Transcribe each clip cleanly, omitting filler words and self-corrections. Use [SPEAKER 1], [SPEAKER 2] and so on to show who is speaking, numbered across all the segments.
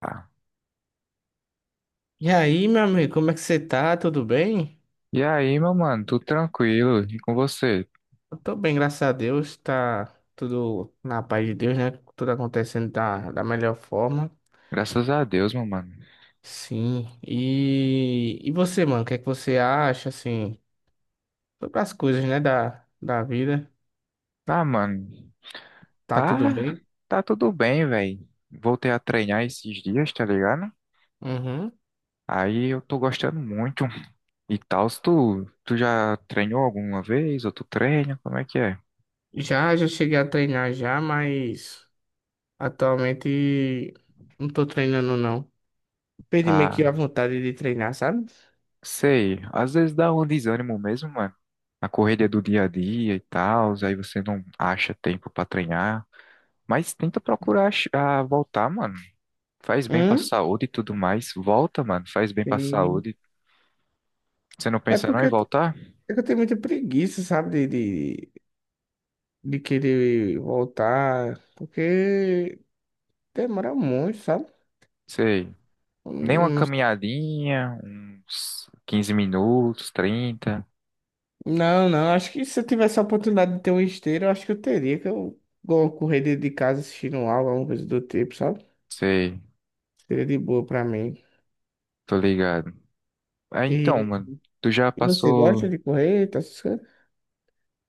[SPEAKER 1] Ah,
[SPEAKER 2] E aí, meu amigo, como é que você tá? Tudo bem?
[SPEAKER 1] e aí, meu mano, tudo tranquilo? E com você?
[SPEAKER 2] Eu tô bem, graças a Deus. Tá tudo na paz de Deus, né? Tudo acontecendo da melhor forma.
[SPEAKER 1] Graças a Deus, meu mano.
[SPEAKER 2] Sim. E você, mano, o que é que você acha, assim, sobre as coisas, né, da vida?
[SPEAKER 1] Ah, mano,
[SPEAKER 2] Tá tudo
[SPEAKER 1] tá,
[SPEAKER 2] bem?
[SPEAKER 1] tá tudo bem, velho. Voltei a treinar esses dias, tá ligado?
[SPEAKER 2] Uhum.
[SPEAKER 1] Aí eu tô gostando muito. E tal, se tu já treinou alguma vez, ou tu treina, como é que é?
[SPEAKER 2] Já cheguei a treinar já, mas atualmente não tô treinando, não. Perdi meio que a
[SPEAKER 1] Ah,
[SPEAKER 2] vontade de treinar, sabe?
[SPEAKER 1] sei, às vezes dá um desânimo mesmo, mano. A correria do dia a dia e tal, aí você não acha tempo pra treinar. Mas tenta procurar voltar, mano. Faz bem pra
[SPEAKER 2] Hum?
[SPEAKER 1] saúde e tudo mais. Volta, mano. Faz bem pra
[SPEAKER 2] Sim.
[SPEAKER 1] saúde. Você não
[SPEAKER 2] É
[SPEAKER 1] pensa não
[SPEAKER 2] porque
[SPEAKER 1] em voltar?
[SPEAKER 2] É que eu tenho muita preguiça, sabe, de querer voltar, porque demora muito, sabe?
[SPEAKER 1] Sei. Nem uma
[SPEAKER 2] Não,
[SPEAKER 1] caminhadinha, uns 15 minutos, 30.
[SPEAKER 2] não, não, acho que se eu tivesse a oportunidade de ter um esteiro, eu acho que eu teria, que eu vou correr dentro de casa assistindo aula, alguma coisa do tipo, sabe?
[SPEAKER 1] Sei.
[SPEAKER 2] Seria de boa pra mim.
[SPEAKER 1] Tô ligado. Ah, então,
[SPEAKER 2] E,
[SPEAKER 1] mano. Tu já
[SPEAKER 2] e você gosta
[SPEAKER 1] passou.
[SPEAKER 2] de correr, tá essas coisas?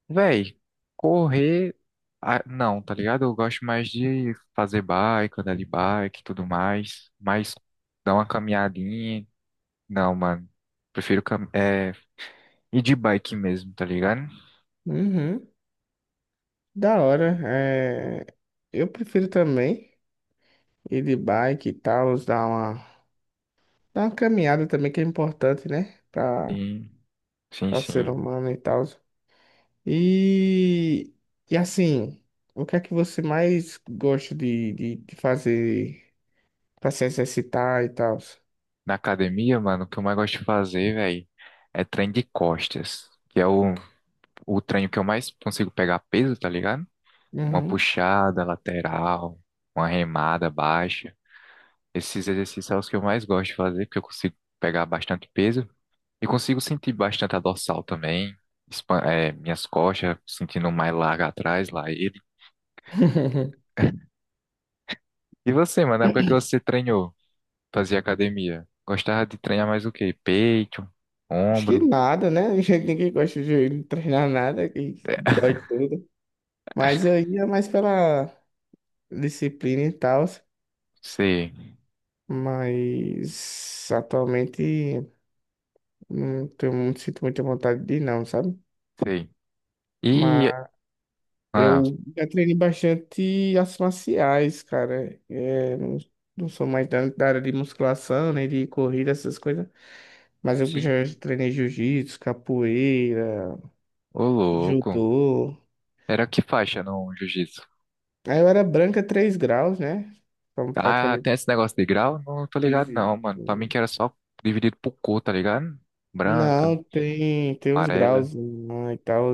[SPEAKER 1] Véi, correr. Ah, não, tá ligado? Eu gosto mais de fazer bike, andar de bike e tudo mais. Mas dar uma caminhadinha. Não, mano. Prefiro ir de bike mesmo, tá ligado?
[SPEAKER 2] Uhum, da hora. É, eu prefiro também ir de bike e tal, dar uma caminhada também, que é importante, né? Pra
[SPEAKER 1] Sim, sim,
[SPEAKER 2] ao ser
[SPEAKER 1] sim.
[SPEAKER 2] humano e tal. E, e assim, o que é que você mais gosta de, de fazer para se exercitar e tal?
[SPEAKER 1] Na academia, mano, o que eu mais gosto de fazer, velho, é treino de costas, que é o treino que eu mais consigo pegar peso, tá ligado? Uma
[SPEAKER 2] Uhum.
[SPEAKER 1] puxada lateral, uma remada baixa. Esses exercícios são os que eu mais gosto de fazer, porque eu consigo pegar bastante peso e consigo sentir bastante a dorsal também, minhas costas, sentindo mais larga atrás, lá ele. E você, mano, na época que você treinou, fazia academia, gostava de treinar mais o quê? Peito,
[SPEAKER 2] Acho que
[SPEAKER 1] ombro?
[SPEAKER 2] nada, né? Ninguém gosta de treinar nada, que
[SPEAKER 1] É,
[SPEAKER 2] dói tudo. Mas eu ia mais pela disciplina e tal.
[SPEAKER 1] sei.
[SPEAKER 2] Mas atualmente não tenho, muito sinto muita vontade de ir, não, sabe?
[SPEAKER 1] Sei. E, ah,
[SPEAKER 2] Eu já treinei bastante artes marciais, cara. É, não, não sou mais da área de musculação, nem de corrida, essas coisas. Mas eu
[SPEAKER 1] sim,
[SPEAKER 2] já treinei jiu-jitsu, capoeira,
[SPEAKER 1] ô louco.
[SPEAKER 2] judô.
[SPEAKER 1] Era que faixa no jiu-jitsu?
[SPEAKER 2] Aí eu era branca 3 graus, né? Então
[SPEAKER 1] Ah,
[SPEAKER 2] praticamente
[SPEAKER 1] tem esse negócio de grau? Não tô ligado não,
[SPEAKER 2] fiz.
[SPEAKER 1] mano. Pra mim que era só dividido por cor, tá ligado? Branca,
[SPEAKER 2] Não, tem uns
[SPEAKER 1] amarela.
[SPEAKER 2] graus né, e tal.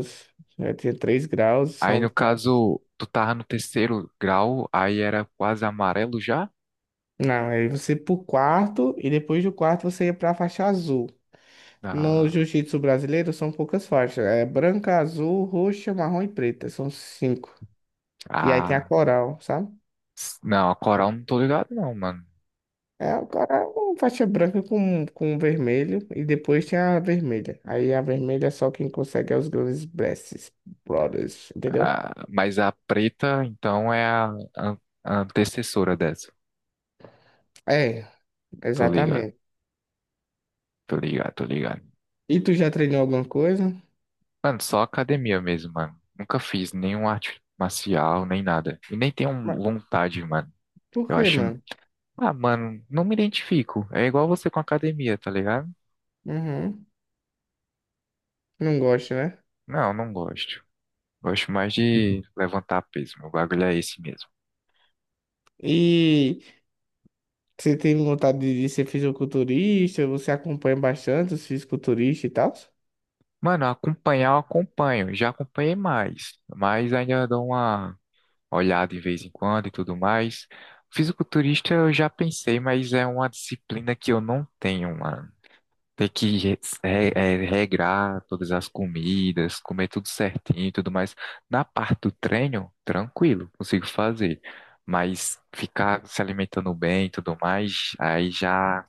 [SPEAKER 2] Eu tinha 3 graus,
[SPEAKER 1] Aí
[SPEAKER 2] são
[SPEAKER 1] no
[SPEAKER 2] quase.
[SPEAKER 1] caso, tu tava no terceiro grau, aí era quase amarelo já?
[SPEAKER 2] Não, aí você ia pro quarto e depois do quarto você ia pra faixa azul. No
[SPEAKER 1] Ah,
[SPEAKER 2] jiu-jitsu brasileiro são poucas faixas. É branca, azul, roxa, marrom e preta. São cinco. E aí tem a
[SPEAKER 1] ah,
[SPEAKER 2] coral, sabe?
[SPEAKER 1] não, a coral não tô ligado não, mano.
[SPEAKER 2] É, o cara é uma faixa branca com vermelho e depois tem a vermelha. Aí a vermelha é só quem consegue é os grandes Blesses, Brothers, entendeu?
[SPEAKER 1] Ah, mas a preta, então, é a, an- antecessora dessa.
[SPEAKER 2] É,
[SPEAKER 1] Tô ligado,
[SPEAKER 2] exatamente.
[SPEAKER 1] tô ligado, tô ligado.
[SPEAKER 2] E tu já treinou alguma coisa?
[SPEAKER 1] Mano, só academia mesmo, mano. Nunca fiz nenhum arte marcial, nem nada. E nem tenho
[SPEAKER 2] Mas
[SPEAKER 1] vontade, mano.
[SPEAKER 2] Por
[SPEAKER 1] Eu
[SPEAKER 2] quê,
[SPEAKER 1] acho.
[SPEAKER 2] mano?
[SPEAKER 1] Ah, mano, não me identifico. É igual você com academia, tá ligado?
[SPEAKER 2] Uhum. Não gosto, né?
[SPEAKER 1] Não, não gosto. Gosto mais de levantar peso. Meu bagulho é esse mesmo.
[SPEAKER 2] E você tem vontade de ser fisiculturista? Você acompanha bastante os fisiculturistas e tal?
[SPEAKER 1] Mano, acompanhar eu acompanho. Já acompanhei mais. Mas ainda dou uma olhada de vez em quando e tudo mais. Fisiculturista eu já pensei, mas é uma disciplina que eu não tenho, mano. Ter que regrar todas as comidas, comer tudo certinho e tudo mais. Na parte do treino, tranquilo, consigo fazer. Mas ficar se alimentando bem e tudo mais, aí já,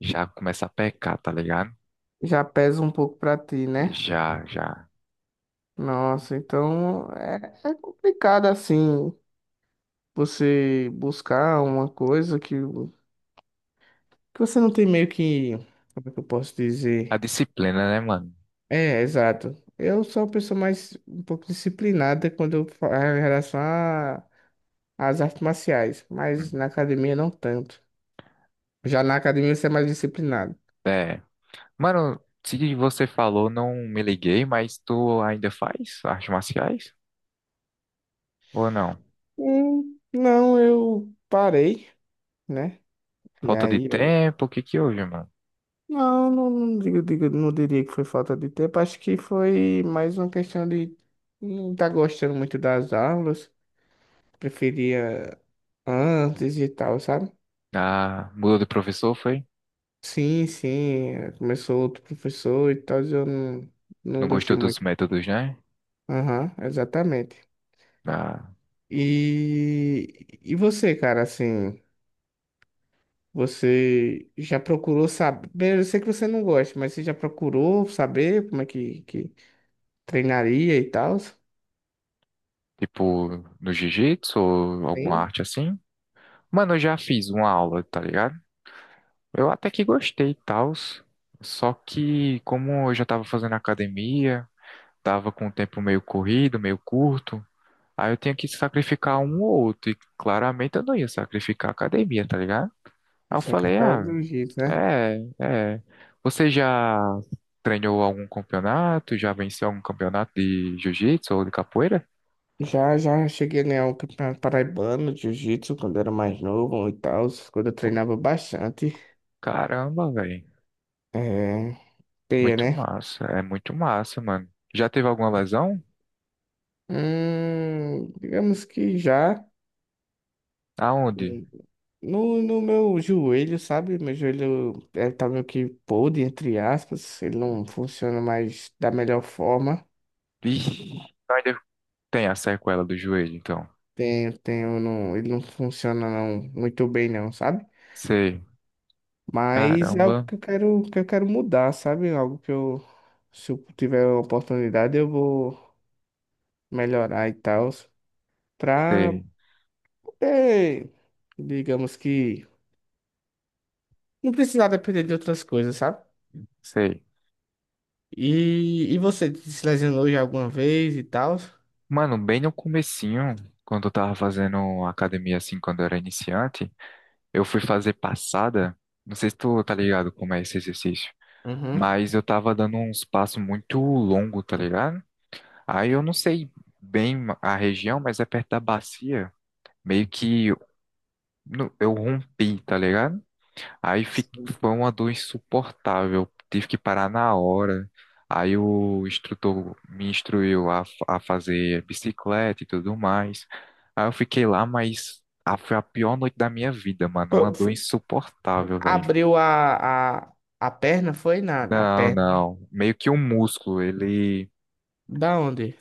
[SPEAKER 1] já começa a pecar, tá ligado?
[SPEAKER 2] Já pesa um pouco pra ti, né?
[SPEAKER 1] Já, já.
[SPEAKER 2] Nossa, então é complicado assim você buscar uma coisa que você não tem meio que. Como é que eu posso
[SPEAKER 1] A
[SPEAKER 2] dizer?
[SPEAKER 1] disciplina, né, mano?
[SPEAKER 2] É, exato. Eu sou uma pessoa mais um pouco disciplinada quando eu falo em relação às artes marciais, mas
[SPEAKER 1] Hum.
[SPEAKER 2] na academia não tanto. Já na academia você é mais disciplinado.
[SPEAKER 1] É. Mano, se você falou, não me liguei, mas tu ainda faz artes marciais? Ou não?
[SPEAKER 2] Não, eu parei, né? E
[SPEAKER 1] Falta de
[SPEAKER 2] aí eu.
[SPEAKER 1] tempo, o que que houve, mano?
[SPEAKER 2] Não, não, não, digo, não diria que foi falta de tempo. Acho que foi mais uma questão de não estar gostando muito das aulas. Preferia antes e tal, sabe?
[SPEAKER 1] Ah, mudou de professor, foi?
[SPEAKER 2] Sim, sim. Começou outro professor e tal, e eu não
[SPEAKER 1] Não gostou
[SPEAKER 2] gostei
[SPEAKER 1] dos
[SPEAKER 2] muito.
[SPEAKER 1] métodos, né?
[SPEAKER 2] Aham, exatamente.
[SPEAKER 1] Da-
[SPEAKER 2] E você, cara, assim, você já procurou saber? Eu sei que você não gosta, mas você já procurou saber como é que treinaria e tal?
[SPEAKER 1] tipo, no jiu-jitsu ou alguma arte assim? Mano, eu já fiz uma aula, tá ligado? Eu até que gostei e tal. Só que, como eu já tava fazendo academia, tava com o tempo meio corrido, meio curto, aí eu tinha que sacrificar um ou outro. E claramente eu não ia sacrificar a academia, tá ligado? Aí eu
[SPEAKER 2] Isso é
[SPEAKER 1] falei,
[SPEAKER 2] capital do
[SPEAKER 1] ah,
[SPEAKER 2] jiu-jitsu, né?
[SPEAKER 1] é, é. Você já treinou algum campeonato? Já venceu algum campeonato de jiu-jitsu ou de capoeira?
[SPEAKER 2] Já cheguei a ganhar o campeonato paraibano de jiu-jitsu quando era mais novo e tal, quando eu treinava bastante.
[SPEAKER 1] Caramba, velho.
[SPEAKER 2] É, teia,
[SPEAKER 1] Muito
[SPEAKER 2] né?
[SPEAKER 1] massa. É muito massa, mano. Já teve alguma lesão?
[SPEAKER 2] Digamos que já.
[SPEAKER 1] Aonde?
[SPEAKER 2] Hum, No, no meu joelho, sabe? Meu joelho tá meio que podre, entre aspas. Ele não funciona mais da melhor forma.
[SPEAKER 1] Ixi, então ainda tem a sequela do joelho, então.
[SPEAKER 2] Tenho, não, ele não funciona não, muito bem, não, sabe?
[SPEAKER 1] Sei.
[SPEAKER 2] Mas é algo
[SPEAKER 1] Caramba.
[SPEAKER 2] que eu quero mudar, sabe? Algo que eu, se eu tiver a oportunidade, eu vou melhorar e tal, pra
[SPEAKER 1] Sei,
[SPEAKER 2] poder, digamos que, não precisar depender de outras coisas, sabe?
[SPEAKER 1] sei.
[SPEAKER 2] E você se lesionou já alguma vez e tal?
[SPEAKER 1] Mano, bem no comecinho, quando eu tava fazendo academia assim, quando eu era iniciante, eu fui fazer passada. Não sei se tu tá ligado como é esse exercício,
[SPEAKER 2] Uhum.
[SPEAKER 1] mas eu tava dando uns passos muito longo, tá ligado? Aí eu não sei bem a região, mas é perto da bacia. Meio que não, eu rompi, tá ligado? Aí foi uma dor insuportável. Tive que parar na hora. Aí o instrutor me instruiu a fazer bicicleta e tudo mais. Aí eu fiquei lá, mas foi a pior noite da minha vida, mano. Uma
[SPEAKER 2] Foi-
[SPEAKER 1] dor
[SPEAKER 2] foi-
[SPEAKER 1] insuportável, velho.
[SPEAKER 2] Abriu a perna, foi na
[SPEAKER 1] Não,
[SPEAKER 2] perna.
[SPEAKER 1] não. Meio que um músculo, ele
[SPEAKER 2] Da onde?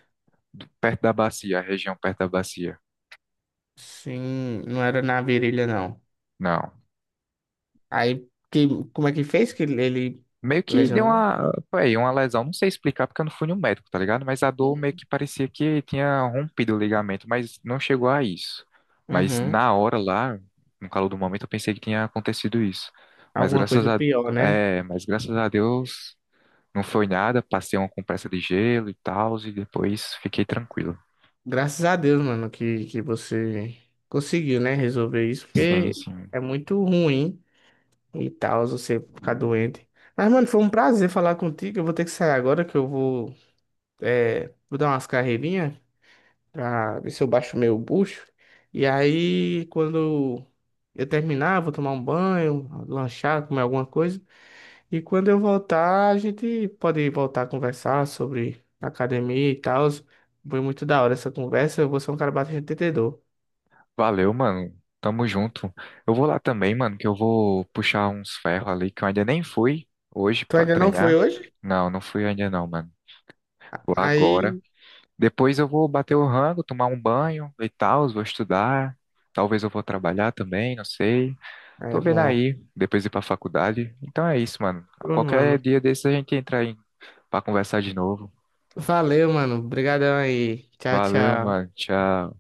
[SPEAKER 1] perto da bacia, a região perto da bacia.
[SPEAKER 2] Sim, não era na virilha, não.
[SPEAKER 1] Não.
[SPEAKER 2] Aí, que, como é que fez que ele
[SPEAKER 1] Meio que deu
[SPEAKER 2] lesionou?
[SPEAKER 1] uma lesão, não sei explicar porque eu não fui no médico, tá ligado? Mas a dor meio que parecia que tinha rompido o ligamento, mas não chegou a isso. Mas
[SPEAKER 2] Uhum.
[SPEAKER 1] na hora lá, no calor do momento, eu pensei que tinha acontecido isso. Mas
[SPEAKER 2] Alguma
[SPEAKER 1] graças
[SPEAKER 2] coisa
[SPEAKER 1] a,
[SPEAKER 2] pior, né?
[SPEAKER 1] mas graças a Deus não foi nada, passei uma compressa de gelo e tal, e depois fiquei tranquilo.
[SPEAKER 2] Graças a Deus, mano, que você conseguiu, né, resolver isso,
[SPEAKER 1] Sim,
[SPEAKER 2] porque
[SPEAKER 1] sim.
[SPEAKER 2] é muito ruim e tal, você ficar doente. Mas, mano, foi um prazer falar contigo. Eu vou ter que sair agora, que eu vou dar umas carreirinhas pra ver se eu baixo meu bucho. E aí, quando eu terminar, eu vou tomar um banho, lanchar, comer alguma coisa. E quando eu voltar, a gente pode voltar a conversar sobre academia e tal. Foi muito da hora essa conversa. Eu vou ser um cara bastante entendedor.
[SPEAKER 1] Valeu, mano. Tamo junto. Eu vou lá também, mano, que eu vou puxar uns ferros ali que eu ainda nem fui hoje
[SPEAKER 2] Tu
[SPEAKER 1] pra
[SPEAKER 2] ainda não foi
[SPEAKER 1] treinar.
[SPEAKER 2] hoje?
[SPEAKER 1] Não, não fui ainda não, mano. Vou agora.
[SPEAKER 2] Aí
[SPEAKER 1] Depois eu vou bater o rango, tomar um banho e tal, vou estudar. Talvez eu vou trabalhar também, não sei.
[SPEAKER 2] é
[SPEAKER 1] Tô vendo
[SPEAKER 2] bom.
[SPEAKER 1] aí, depois ir pra faculdade. Então é isso, mano.
[SPEAKER 2] Ô,
[SPEAKER 1] Qualquer
[SPEAKER 2] mano.
[SPEAKER 1] dia desse a gente entra aí pra conversar de novo.
[SPEAKER 2] Valeu, mano. Obrigadão aí. Tchau,
[SPEAKER 1] Valeu,
[SPEAKER 2] tchau.
[SPEAKER 1] mano. Tchau.